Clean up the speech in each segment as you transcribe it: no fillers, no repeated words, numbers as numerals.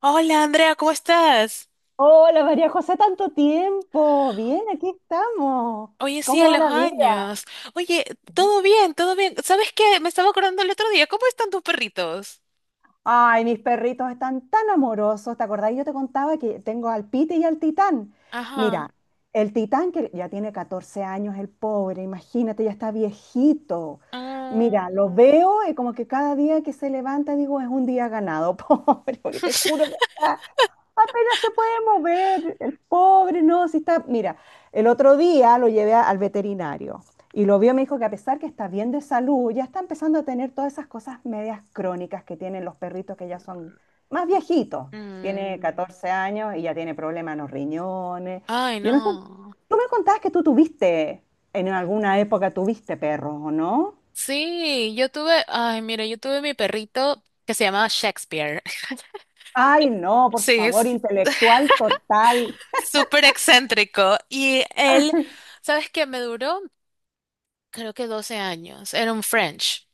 Hola Andrea, ¿cómo estás? Hola María José, tanto tiempo. Bien, aquí estamos. Oye, sí, ¿Cómo a va los la vida? años. Oye, todo bien, todo bien. ¿Sabes qué? Me estaba acordando el otro día. ¿Cómo están tus perritos? Ay, mis perritos están tan amorosos. ¿Te acordás? Yo te contaba que tengo al Pite y al Titán. Ajá. Mira, el Titán que ya tiene 14 años, el pobre, imagínate, ya está viejito. Mm, Mira, lo veo y como que cada día que se levanta digo, es un día ganado, pobre, porque te juro que está apenas se puede mover, el pobre, no, si está, mira, el otro día lo llevé al veterinario y lo vio, me dijo que a pesar que está bien de salud, ya está empezando a tener todas esas cosas medias crónicas que tienen los perritos que ya son más viejitos. Tiene mm. 14 años y ya tiene problemas en los riñones. Ay, Yo no sé, no. tú me contabas que tú tuviste, en alguna época tuviste perros, ¿o no? Sí, yo tuve, ay, mira, yo tuve mi perrito que se llamaba Shakespeare. Ay, no, por Sí, favor, es intelectual total. súper excéntrico. Y él, ¿sabes qué? Me duró, creo que 12 años. Era un French.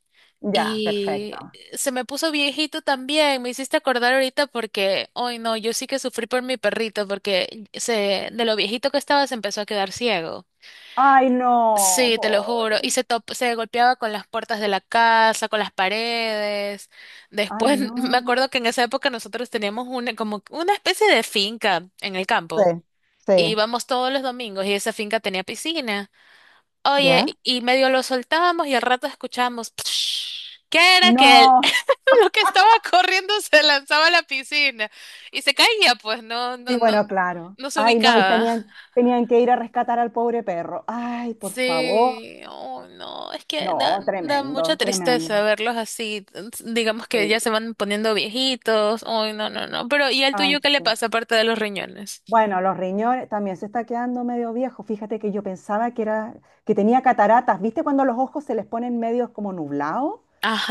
Ya, Y perfecto. se me puso viejito también, me hiciste acordar ahorita porque, hoy no, yo sí que sufrí por mi perrito porque se, de lo viejito que estaba se empezó a quedar ciego. Ay, no, Sí, te lo juro. Y pobre. se, top- se golpeaba con las puertas de la casa, con las paredes. Ay, Después, me no. acuerdo que en esa época nosotros teníamos una, como una especie de finca en el Sí, campo. Y sí, íbamos todos los domingos y esa finca tenía piscina. Oye, ¿ya? y medio lo soltábamos y al rato escuchábamos, ¿qué era que No. lo que estaba corriendo se lanzaba a la piscina y se caía, pues no, Sí, no, no, bueno, claro. no se Ay, no, y ubicaba. tenían, tenían que ir a rescatar al pobre perro. Ay, por favor. Sí, oh no, es que da, No, da mucha tremendo, tristeza tremendo. verlos así, digamos que ya se Sí, van poniendo viejitos, oh no, no, no, pero ¿y al ay, tuyo qué le sí. pasa aparte de los riñones? Bueno, los riñones también se está quedando medio viejo. Fíjate que yo pensaba que era, que tenía cataratas. ¿Viste cuando los ojos se les ponen medios como nublados?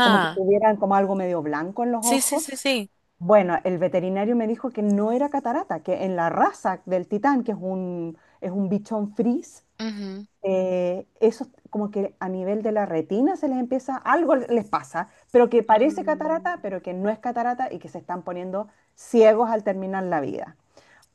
Como que tuvieran como algo medio blanco en los sí, sí, ojos. sí, sí. Bueno, el veterinario me dijo que no era catarata, que en la raza del titán, que es es un bichón fris, Ujú. Eso como que a nivel de la retina se les empieza, algo les pasa, pero que parece Mm, catarata, pero que no es catarata y que se están poniendo ciegos al terminar la vida.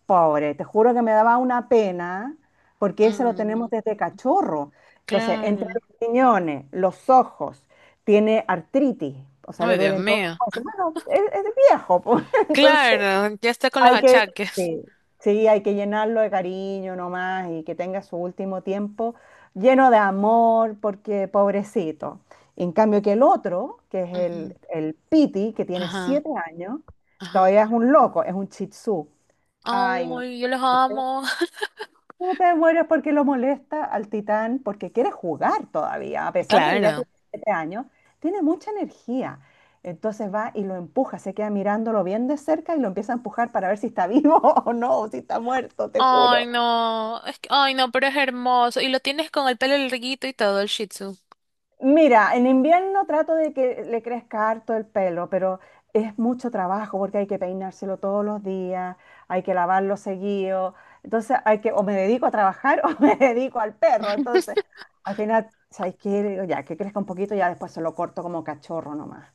Pobre, te juro que me daba una pena, porque eso lo tenemos mm, desde cachorro. Entonces, entre claro. los riñones, los ojos, tiene artritis, o sea, le Ay, Dios duelen todos los mío. huesos. Bueno, es viejo, pues, entonces Claro, ya está con los hay que, achaques. sí, sí, hay que llenarlo de cariño nomás y que tenga su último tiempo lleno de amor, porque pobrecito. En cambio que el otro, que es Ujú. El Piti, que tiene Ajá, 7 años, ajá. todavía es un loco, es un chitsú. Ay, no. Ay, yo los amo. Tú te mueres porque lo molesta al Titán, porque quiere jugar todavía, a pesar de que ya Claro. tiene 7 años, tiene mucha energía. Entonces va y lo empuja, se queda mirándolo bien de cerca y lo empieza a empujar para ver si está vivo o no, o si está muerto, te Ay, juro. no. Es que, ay, no, pero es hermoso. Y lo tienes con el pelo larguito y todo, el Shih Tzu. Mira, en invierno trato de que le crezca harto el pelo, pero es mucho trabajo porque hay que peinárselo todos los días, hay que lavarlo seguido. Entonces hay que, o me dedico a trabajar o me dedico al perro. Entonces, al final, ¿sabes qué? Le digo, ya, que crezca un poquito, ya después se lo corto como cachorro nomás.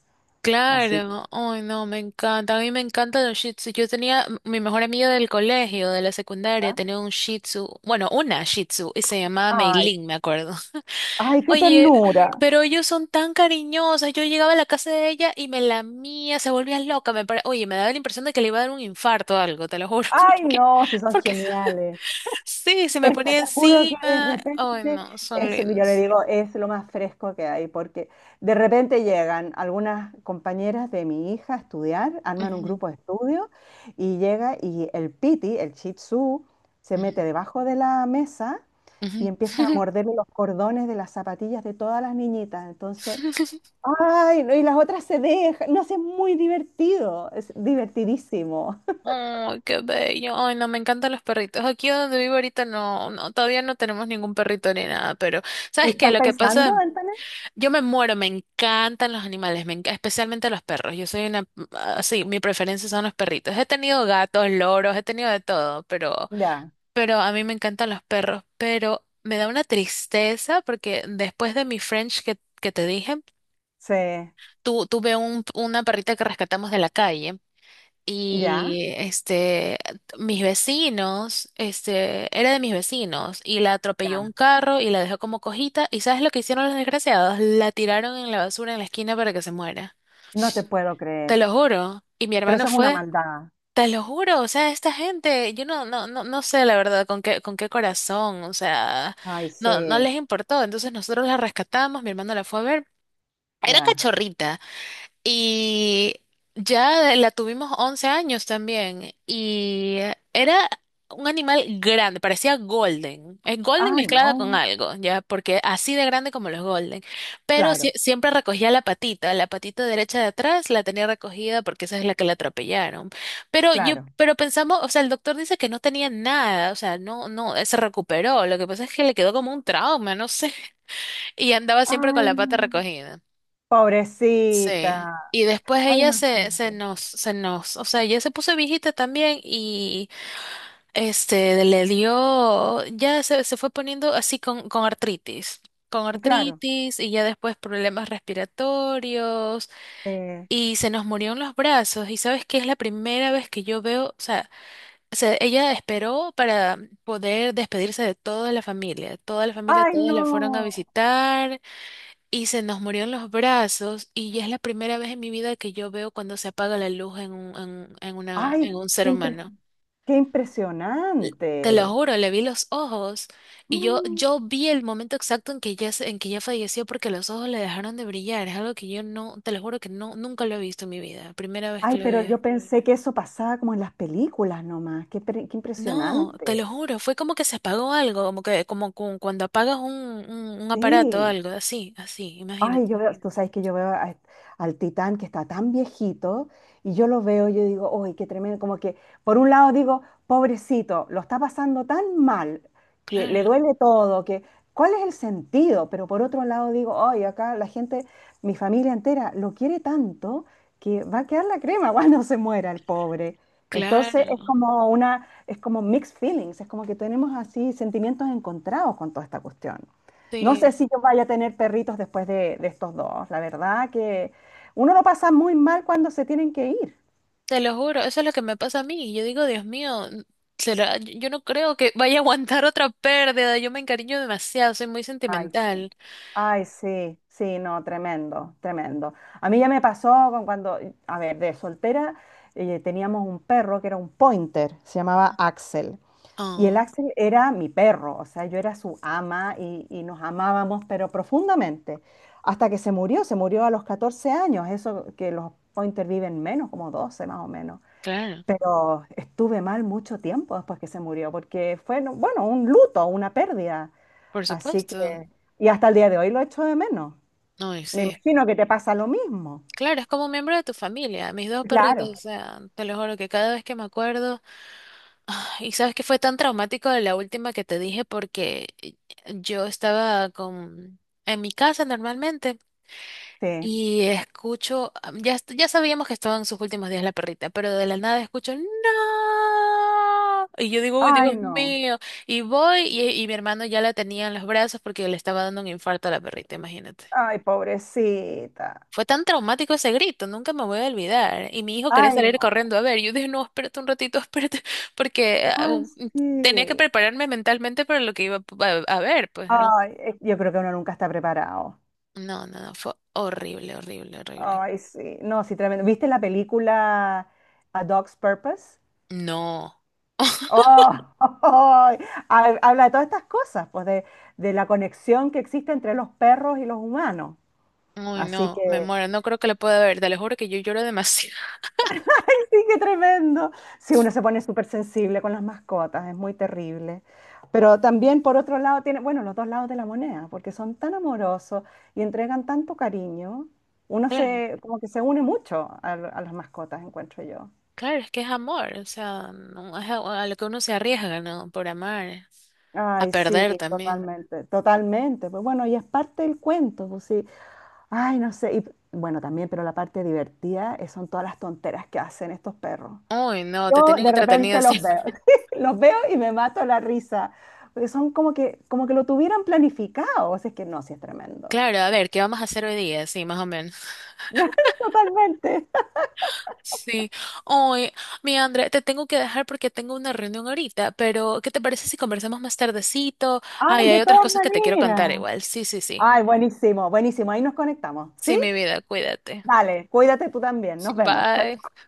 Así. Claro. Ay, no, me encanta. A mí me encantan los Shih Tzu. Yo tenía m- mi mejor amiga del colegio, de la secundaria, ¿Ah? tenía un Shih Tzu. Bueno, una Shih Tzu y se llamaba Ay, Meilin, me acuerdo. ay, qué Oye, ternura. pero ellos son tan cariñosos. Yo llegaba a la casa de ella y me lamía, se volvía loca. Me pare- Oye, me daba la impresión de que le iba a dar un infarto o algo, te lo juro. Ay, no, si son Porque geniales. sí, se me Es que ponía te juro que de encima. repente, Ay, no, son eso que yo le lindos. digo, es lo más fresco que hay, porque de repente llegan algunas compañeras de mi hija a estudiar, arman un Ujú, grupo de estudio y llega y el piti, el shih tzu, se mete ujú, debajo de la mesa y empieza a ujú. morderle los cordones de las zapatillas de todas las niñitas. Entonces, ay, no, y las otras se dejan, no sé, es muy divertido, es divertidísimo. Ay, qué bello. Ay, no, me encantan los perritos. Aquí donde vivo ahorita no, no, todavía no tenemos ningún perrito ni nada, pero ¿Y ¿sabes qué? estás Lo que pensando, pasa, Antonio? yo me muero, me encantan los animales, me enca- especialmente los perros. Yo soy una, así, mi preferencia son los perritos. He tenido gatos, loros, he tenido de todo, pero Ya, Pero a mí me encantan los perros, pero me da una tristeza porque después de mi French que te dije, sí, tu- tuve un, una perrita que rescatamos de la calle ya, y este, mis vecinos, este, era de mis vecinos y la atropelló un ya. carro y la dejó como cojita y ¿sabes lo que hicieron los desgraciados? La tiraron en la basura en la esquina para que se muera. No te puedo Te creer. lo juro. Y mi Pero hermano eso es una fue. maldad. Te lo juro, o sea, esta gente, yo no, no, no, no sé la verdad con qué corazón, o sea, Ay, no, no sí, les importó. Entonces nosotros la rescatamos, mi hermano la fue a ver. Era ya. cachorrita, y ya la tuvimos 11 años también. Y era un animal grande, parecía golden. Es golden Ah, mezclada con no. algo, ya, porque así de grande como los golden. Pero sie- Claro, siempre recogía la patita derecha de atrás la tenía recogida porque esa es la que la atropellaron. Pero yo, claro. pero pensamos, o sea, el doctor dice que no tenía nada, o sea, no, no, se recuperó. Lo que pasa es que le quedó como un trauma, no sé. Y andaba siempre con Ay, la pata no. recogida. Sí. Pobrecita. Y después Ay, ella se, se imagínate. nos, se nos, o sea, ella se puso viejita también y este le dio, ya se fue poniendo así con Claro. artritis y ya después problemas respiratorios eh, y se nos murió en los brazos. Y sabes que es la primera vez que yo veo, o sea, se- ella esperó para poder despedirse de toda la familia, Ay, todos la fueron a no. visitar. Y se nos murió en los brazos y ya es la primera vez en mi vida que yo veo cuando se apaga la luz en un, en una, Ay, en un qué, ser humano. qué Te lo impresionante. juro, le vi los ojos y yo, Mm. yo vi el momento exacto en que ya, se- en que ya falleció porque los ojos le dejaron de brillar. Es algo que yo no, te lo juro que no, nunca lo he visto en mi vida. Primera vez que Ay, lo pero vi. yo pensé que eso pasaba como en las películas nomás. Qué, qué No, te lo impresionante. juro, fue como que se apagó algo, como que, como cu- cuando apagas un aparato o Sí. algo, así, así, imagínate. Ay, yo veo, tú sabes que yo veo al Titán que está tan viejito y yo lo veo, y yo digo, ¡ay, qué tremendo! Como que, por un lado digo, pobrecito, lo está pasando tan mal, que le Claro, duele todo, que, ¿cuál es el sentido? Pero por otro lado digo, ¡ay, acá la gente, mi familia entera, lo quiere tanto que va a quedar la crema cuando se muera el pobre! Entonces es claro. como una, es como mixed feelings, es como que tenemos así sentimientos encontrados con toda esta cuestión. No Sí. sé si yo vaya a tener perritos después de estos dos. La verdad que uno lo pasa muy mal cuando se tienen que ir. Te lo juro, eso es lo que me pasa a mí. Yo digo, Dios mío, n- será- yo no creo que vaya a aguantar otra pérdida. Yo me encariño demasiado, soy muy Ay, sí. sentimental. Ay, sí, sí, no, tremendo, tremendo. A mí ya me pasó con cuando, a ver, de soltera teníamos un perro que era un pointer, se llamaba Axel. Y el Oh, Axel era mi perro, o sea, yo era su ama y nos amábamos, pero profundamente. Hasta que se murió a los 14 años, eso que los pointer viven menos, como 12 más o menos. claro, Pero estuve mal mucho tiempo después que se murió, porque fue, bueno, un luto, una pérdida. por Así que, supuesto. y hasta el día de hoy lo echo de menos. No, y Me sí. imagino que te pasa lo mismo. Claro, es como un miembro de tu familia, mis dos perritos, Claro. o sea, te lo juro que cada vez que me acuerdo, ah, y sabes que fue tan traumático de la última que te dije porque yo estaba con en mi casa normalmente. Sí. Y escucho, ah, ya, est- ya sabíamos que estaba en sus últimos días la perrita, pero de la nada escucho, ¡No! Y yo digo, ¡Uy, Ay, Dios no. mío! Y voy y mi hermano ya la tenía en los brazos porque le estaba dando un infarto a la perrita, imagínate. Ay, pobrecita. Fue tan traumático ese grito, nunca me voy a olvidar. Y mi hijo quería Ay, salir no. corriendo a ver. Yo dije, no, espérate un ratito, espérate, porque Ay, tenía que sí. prepararme mentalmente para lo que iba a, a ver, pues no. Ay, yo creo que uno nunca está preparado. No, no, no, fue horrible, horrible, horrible. Ay, sí. No, sí, tremendo. ¿Viste la película A Dog's Purpose? No. Oh, Habla de todas estas cosas, pues de la conexión que existe entre los perros y los humanos. Uy, Así que, no, me muero, no creo que le pueda ver, te lo juro que yo lloro demasiado. sí, qué tremendo. Si uno se pone súper sensible con las mascotas, es muy terrible. Pero también, por otro lado, tiene, bueno, los dos lados de la moneda, porque son tan amorosos y entregan tanto cariño. Uno Claro, se, como que se une mucho a las mascotas, encuentro yo. claro, es que es amor, o sea, no, es a lo que uno se arriesga, ¿no? Por amar, a Ay, sí, perder también. totalmente, totalmente. Pues bueno, y es parte del cuento, pues sí. Ay, no sé. Y, bueno, también, pero la parte divertida son todas las tonteras que hacen estos perros. Uy, no, te Yo tienen de entretenido repente los siempre. veo, los veo y me mato la risa, porque son como que lo tuvieran planificado, o sea, es que no, sí es tremendo. Claro, a ver, ¿qué vamos a hacer hoy día? Sí, más o menos. Totalmente. Sí. Uy, mi André, te tengo que dejar porque tengo una reunión ahorita, pero ¿qué te parece si conversamos más tardecito? Ay, Ay, hay de otras todas cosas que te quiero maneras. contar igual. Sí, sí, sí. Ay, buenísimo, buenísimo, ahí nos conectamos, ¿sí? Sí, mi vida, cuídate. Dale, cuídate tú también, nos vemos. Chao, Bye.